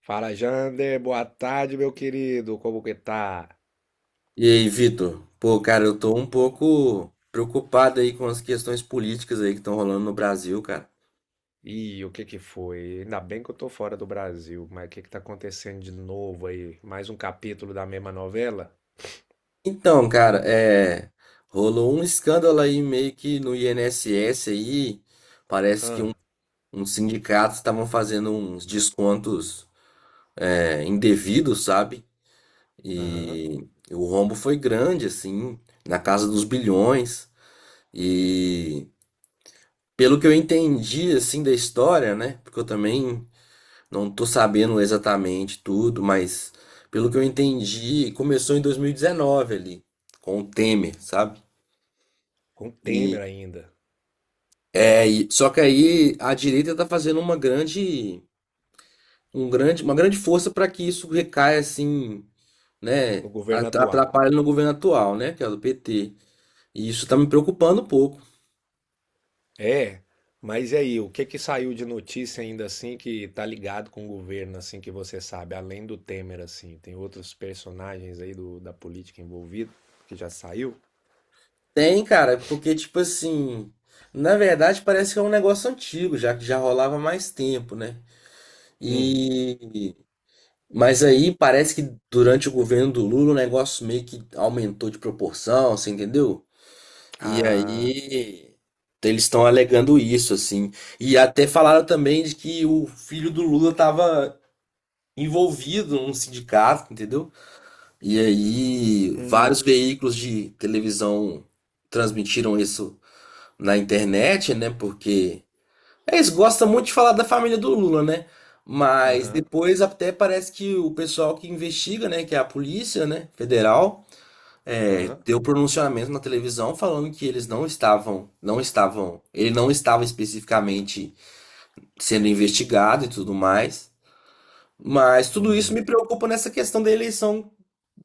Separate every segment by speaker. Speaker 1: Fala, Jander, boa tarde, meu querido. Como que tá?
Speaker 2: E aí, Vitor? Pô, cara, eu tô um pouco preocupado aí com as questões políticas aí que estão rolando no Brasil, cara.
Speaker 1: Ih, o que que foi? Ainda bem que eu tô fora do Brasil, mas o que que tá acontecendo de novo aí? Mais um capítulo da mesma novela?
Speaker 2: Então, cara, rolou um escândalo aí meio que no INSS aí, parece que
Speaker 1: Ah,
Speaker 2: uns sindicatos estavam fazendo uns descontos, indevidos, sabe?
Speaker 1: aham.
Speaker 2: E o rombo foi grande, assim, na casa dos bilhões. E pelo que eu entendi, assim, da história, né? Porque eu também não tô sabendo exatamente tudo, mas pelo que eu entendi, começou em 2019 ali, com o Temer, sabe?
Speaker 1: Com
Speaker 2: E
Speaker 1: Temer ainda,
Speaker 2: só que aí a direita tá fazendo uma uma grande força para que isso recaia assim,
Speaker 1: no
Speaker 2: né,
Speaker 1: governo atual.
Speaker 2: atrapalhe no governo atual, né, que é o do PT. E isso tá me preocupando um pouco.
Speaker 1: É, mas e aí, o que que saiu de notícia ainda assim que tá ligado com o governo, assim, que você sabe, além do Temer, assim? Tem outros personagens aí da política envolvida que já saiu?
Speaker 2: Tem, cara, porque tipo assim, na verdade parece que é um negócio antigo, já que já rolava há mais tempo, né?
Speaker 1: Hum.
Speaker 2: E Mas aí parece que durante o governo do Lula o negócio meio que aumentou de proporção, você entendeu? E
Speaker 1: Ah,
Speaker 2: aí eles estão alegando isso, assim. E até falaram também de que o filho do Lula estava envolvido num sindicato, entendeu? E aí
Speaker 1: hum,
Speaker 2: vários veículos de televisão transmitiram isso na internet, né? Porque é isso, gosta muito de falar da família do Lula, né? Mas
Speaker 1: aham,
Speaker 2: depois até parece que o pessoal que investiga, né, que é a polícia, né, federal,
Speaker 1: aham.
Speaker 2: deu pronunciamento na televisão falando que eles não estavam, ele não estava especificamente sendo investigado e tudo mais. Mas tudo isso
Speaker 1: Uhum.
Speaker 2: me preocupa nessa questão da eleição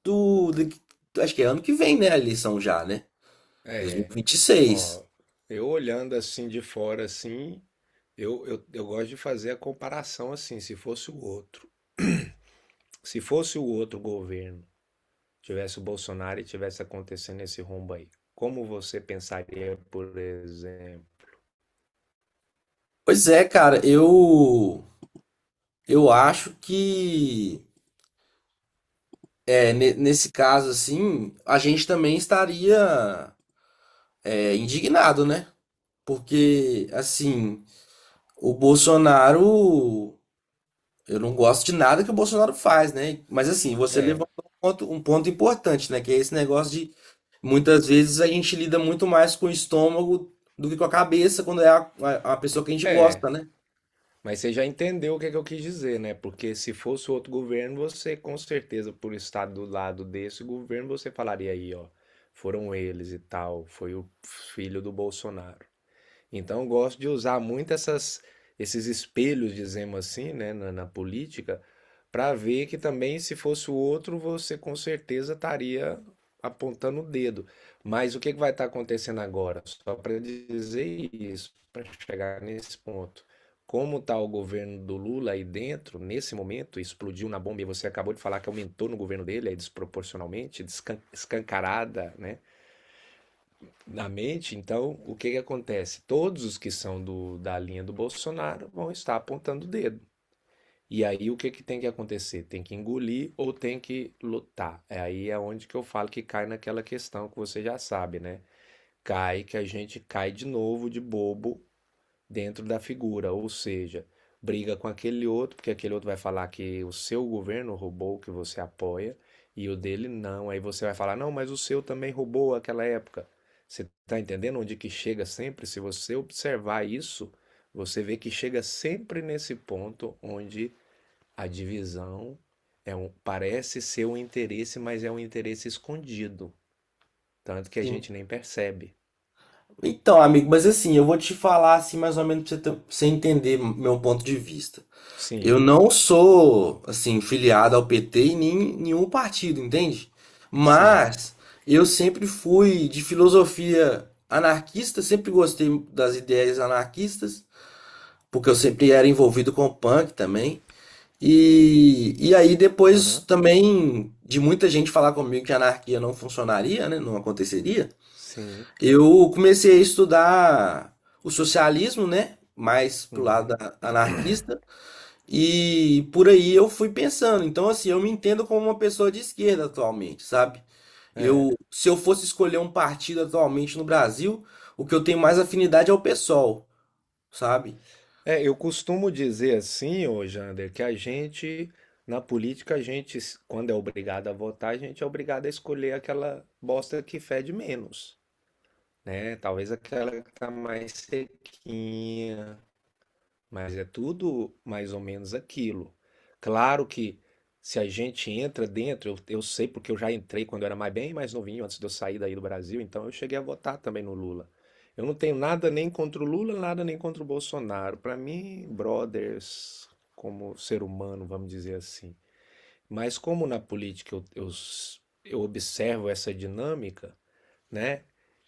Speaker 2: do, de- acho que é ano que vem, né, a eleição já, né?
Speaker 1: É,
Speaker 2: 2026.
Speaker 1: ó, eu olhando assim de fora assim, eu gosto de fazer a comparação assim, se fosse o outro, se fosse o outro governo, tivesse o Bolsonaro e tivesse acontecendo esse rombo aí, como você pensaria, por exemplo?
Speaker 2: Pois é, cara, eu acho que é, nesse caso, assim, a gente também estaria, indignado, né? Porque, assim, o Bolsonaro. Eu não gosto de nada que o Bolsonaro faz, né? Mas, assim, você
Speaker 1: É,
Speaker 2: levantou um ponto importante, né? Que é esse negócio de. Muitas vezes a gente lida muito mais com o estômago do que com a cabeça quando é a pessoa que a gente
Speaker 1: é,
Speaker 2: gosta, né?
Speaker 1: mas você já entendeu o que é que eu quis dizer, né? Porque se fosse outro governo, você com certeza, por estar do lado desse governo, você falaria aí, ó, foram eles e tal, foi o filho do Bolsonaro. Então, eu gosto de usar muito essas, esses espelhos, dizemos assim, né, na política, para ver que também, se fosse o outro, você com certeza estaria apontando o dedo. Mas o que que vai estar acontecendo agora? Só para dizer isso, para chegar nesse ponto. Como está o governo do Lula aí dentro, nesse momento, explodiu na bomba e você acabou de falar que aumentou no governo dele, aí desproporcionalmente, escancarada, né? Na mente, então o que que acontece? Todos os que são da linha do Bolsonaro vão estar apontando o dedo. E aí o que que tem que acontecer? Tem que engolir ou tem que lutar? É aí é onde que eu falo que cai naquela questão que você já sabe, né? Cai que a gente cai de novo de bobo dentro da figura, ou seja, briga com aquele outro, porque aquele outro vai falar que o seu governo roubou o que você apoia e o dele não. Aí você vai falar, não, mas o seu também roubou aquela época. Você está entendendo onde que chega sempre? Se você observar isso, você vê que chega sempre nesse ponto onde a divisão é um, parece ser um interesse, mas é um interesse escondido, tanto que a
Speaker 2: Sim.
Speaker 1: gente nem percebe.
Speaker 2: Então, amigo, mas assim, eu vou te falar assim mais ou menos pra pra você entender meu ponto de vista.
Speaker 1: Sim,
Speaker 2: Eu não sou, assim, filiado ao PT e nem nenhum partido, entende?
Speaker 1: sim,
Speaker 2: Mas eu sempre fui de filosofia anarquista, sempre gostei das ideias anarquistas, porque eu sempre era envolvido com punk também. E aí depois
Speaker 1: aham,
Speaker 2: também de muita gente falar comigo que a anarquia não funcionaria, né, não aconteceria,
Speaker 1: sim,
Speaker 2: eu comecei a estudar o socialismo, né, mais pro
Speaker 1: uhum,
Speaker 2: anarquista. E por aí eu fui pensando. Então, assim, eu me entendo como uma pessoa de esquerda atualmente, sabe? Eu,
Speaker 1: é.
Speaker 2: se eu fosse escolher um partido atualmente no Brasil, o que eu tenho mais afinidade é o PSOL, sabe?
Speaker 1: É, eu costumo dizer assim, ô Jander, que a gente, na política, a gente, quando é obrigado a votar, a gente é obrigado a escolher aquela bosta que fede menos, né? Talvez aquela que tá mais sequinha, mas é tudo mais ou menos aquilo. Claro que se a gente entra dentro, eu sei porque eu já entrei quando eu era mais bem mais novinho, antes de eu sair daí do Brasil, então eu cheguei a votar também no Lula. Eu não tenho nada nem contra o Lula, nada nem contra o Bolsonaro. Para mim, brothers, como ser humano, vamos dizer assim. Mas como na política eu observo essa dinâmica, né?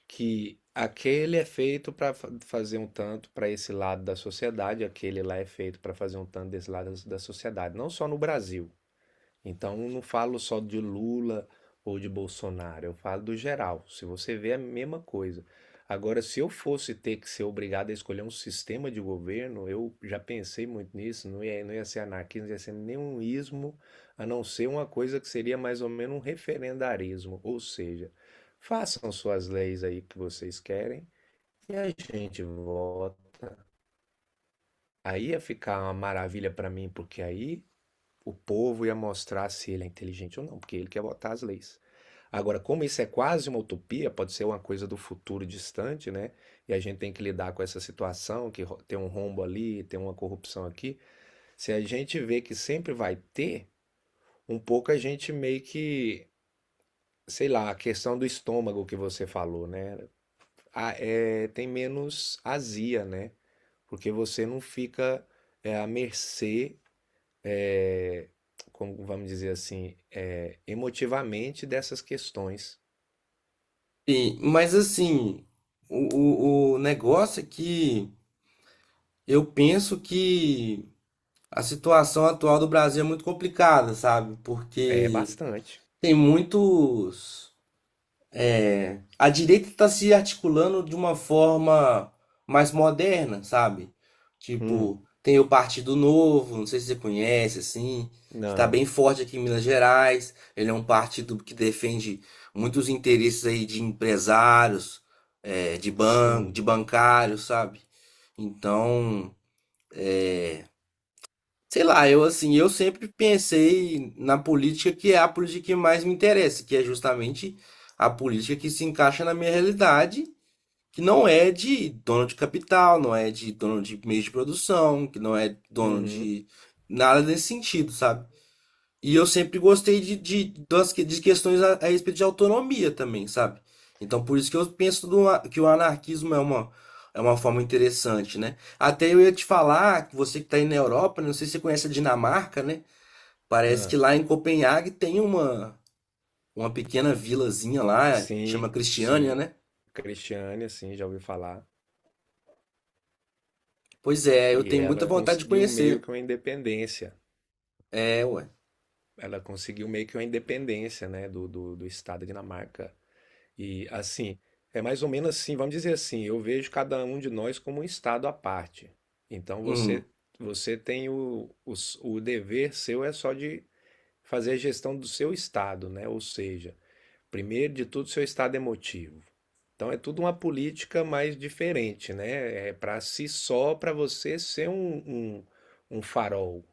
Speaker 1: Que aquele é feito para fazer um tanto para esse lado da sociedade, aquele lá é feito para fazer um tanto desse lado da sociedade, não só no Brasil, então, eu não falo só de Lula ou de Bolsonaro, eu falo do geral. Se você vê, é a mesma coisa. Agora, se eu fosse ter que ser obrigado a escolher um sistema de governo, eu já pensei muito nisso, não ia ser anarquismo, não ia ser nenhum ismo, a não ser uma coisa que seria mais ou menos um referendarismo. Ou seja, façam suas leis aí que vocês querem e a gente vota. Aí ia ficar uma maravilha para mim, porque aí o povo ia mostrar se ele é inteligente ou não, porque ele quer botar as leis. Agora, como isso é quase uma utopia, pode ser uma coisa do futuro distante, né? E a gente tem que lidar com essa situação, que tem um rombo ali, tem uma corrupção aqui. Se a gente vê que sempre vai ter, um pouco a gente meio que, sei lá, a questão do estômago que você falou, né? Ah, é, tem menos azia, né? Porque você não fica à mercê é, como vamos dizer assim, emotivamente dessas questões.
Speaker 2: Mas assim, o negócio é que eu penso que a situação atual do Brasil é muito complicada, sabe?
Speaker 1: É
Speaker 2: Porque
Speaker 1: bastante.
Speaker 2: tem muitos. É, a direita está se articulando de uma forma mais moderna, sabe?
Speaker 1: Hum,
Speaker 2: Tipo, tem o Partido Novo, não sei se você conhece, assim, que está
Speaker 1: não,
Speaker 2: bem forte aqui em Minas Gerais. Ele é um partido que defende muitos interesses aí de empresários, de banco, de
Speaker 1: sim,
Speaker 2: bancários, sabe? Então, sei lá, eu assim, eu sempre pensei na política que é a política que mais me interessa, que é justamente a política que se encaixa na minha realidade, que não é de dono de capital, não é de dono de meios de produção, que não é dono
Speaker 1: uhum,
Speaker 2: de nada nesse sentido, sabe? E eu sempre gostei de questões a respeito de autonomia também, sabe? Então por isso que eu penso que o anarquismo é é uma forma interessante, né? Até eu ia te falar, que você que está aí na Europa, né, não sei se você conhece a Dinamarca, né? Parece
Speaker 1: ah,
Speaker 2: que lá em Copenhague tem uma pequena vilazinha lá, chama
Speaker 1: sim,
Speaker 2: Cristiânia,
Speaker 1: sim.
Speaker 2: né?
Speaker 1: Cristiane, assim, já ouvi falar.
Speaker 2: Pois é, eu
Speaker 1: E
Speaker 2: tenho muita
Speaker 1: ela
Speaker 2: vontade de
Speaker 1: conseguiu meio
Speaker 2: conhecer.
Speaker 1: que uma independência.
Speaker 2: É, ué.
Speaker 1: Ela conseguiu meio que uma independência, né, do Estado da Dinamarca. E assim, é mais ou menos assim, vamos dizer assim, eu vejo cada um de nós como um estado à parte. Então
Speaker 2: Uhum.
Speaker 1: você você tem o dever seu é só de fazer a gestão do seu estado, né? Ou seja, primeiro de tudo seu estado emotivo. Então é tudo uma política mais diferente, né? É para si só, para você ser um, um farol,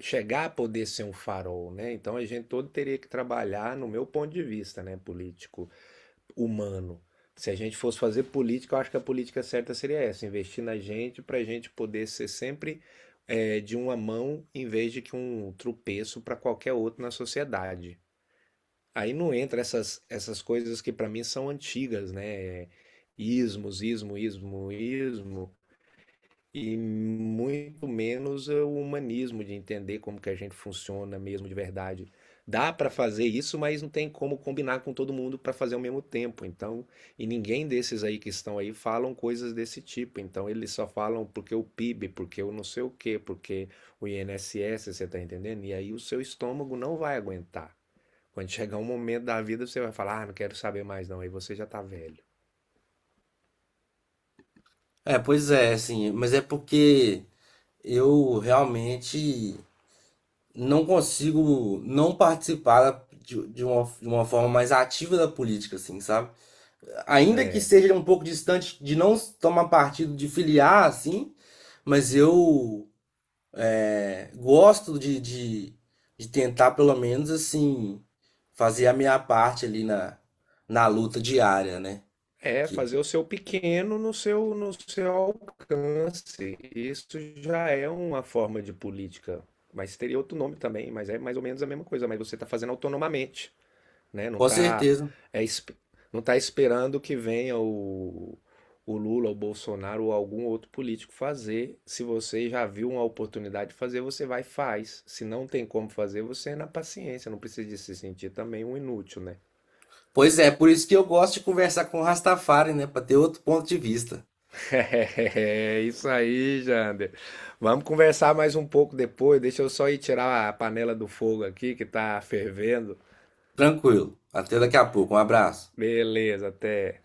Speaker 1: chegar a poder ser um farol, né? Então a gente todo teria que trabalhar, no meu ponto de vista, né, político humano. Se a gente fosse fazer política, eu acho que a política certa seria essa: investir na gente para a gente poder ser sempre de uma mão em vez de que um tropeço para qualquer outro na sociedade. Aí não entra essas coisas que para mim são antigas, né? É ismos, ismo, ismo, ismo, e muito menos o humanismo de entender como que a gente funciona mesmo de verdade. Dá para fazer isso, mas não tem como combinar com todo mundo para fazer ao mesmo tempo. Então, e ninguém desses aí que estão aí falam coisas desse tipo. Então, eles só falam porque o PIB, porque o não sei o quê, porque o INSS, você está entendendo? E aí o seu estômago não vai aguentar. Quando chegar um momento da vida, você vai falar: "Ah, não quero saber mais não". Aí você já tá velho.
Speaker 2: É, pois é, assim, mas é porque eu realmente não consigo não participar de uma forma mais ativa da política, assim, sabe? Ainda que
Speaker 1: É.
Speaker 2: seja um pouco distante de não tomar partido, de filiar, assim, mas eu, gosto de tentar, pelo menos, assim, fazer a minha parte ali na, na luta diária, né?
Speaker 1: É,
Speaker 2: Que
Speaker 1: fazer o seu pequeno no seu alcance. Isso já é uma forma de política. Mas teria outro nome também, mas é mais ou menos a mesma coisa. Mas você está fazendo autonomamente, né?
Speaker 2: com certeza.
Speaker 1: É, esp- não tá esperando que venha o Lula, o Bolsonaro ou algum outro político fazer. Se você já viu uma oportunidade de fazer, você vai e faz. Se não tem como fazer, você é na paciência. Não precisa de se sentir também um inútil, né?
Speaker 2: Pois é, por isso que eu gosto de conversar com o Rastafari, né? Para ter outro ponto de vista.
Speaker 1: É isso aí, Jander. Vamos conversar mais um pouco depois. Deixa eu só ir tirar a panela do fogo aqui que tá fervendo.
Speaker 2: Tranquilo. Até daqui a pouco. Um abraço.
Speaker 1: Beleza, até.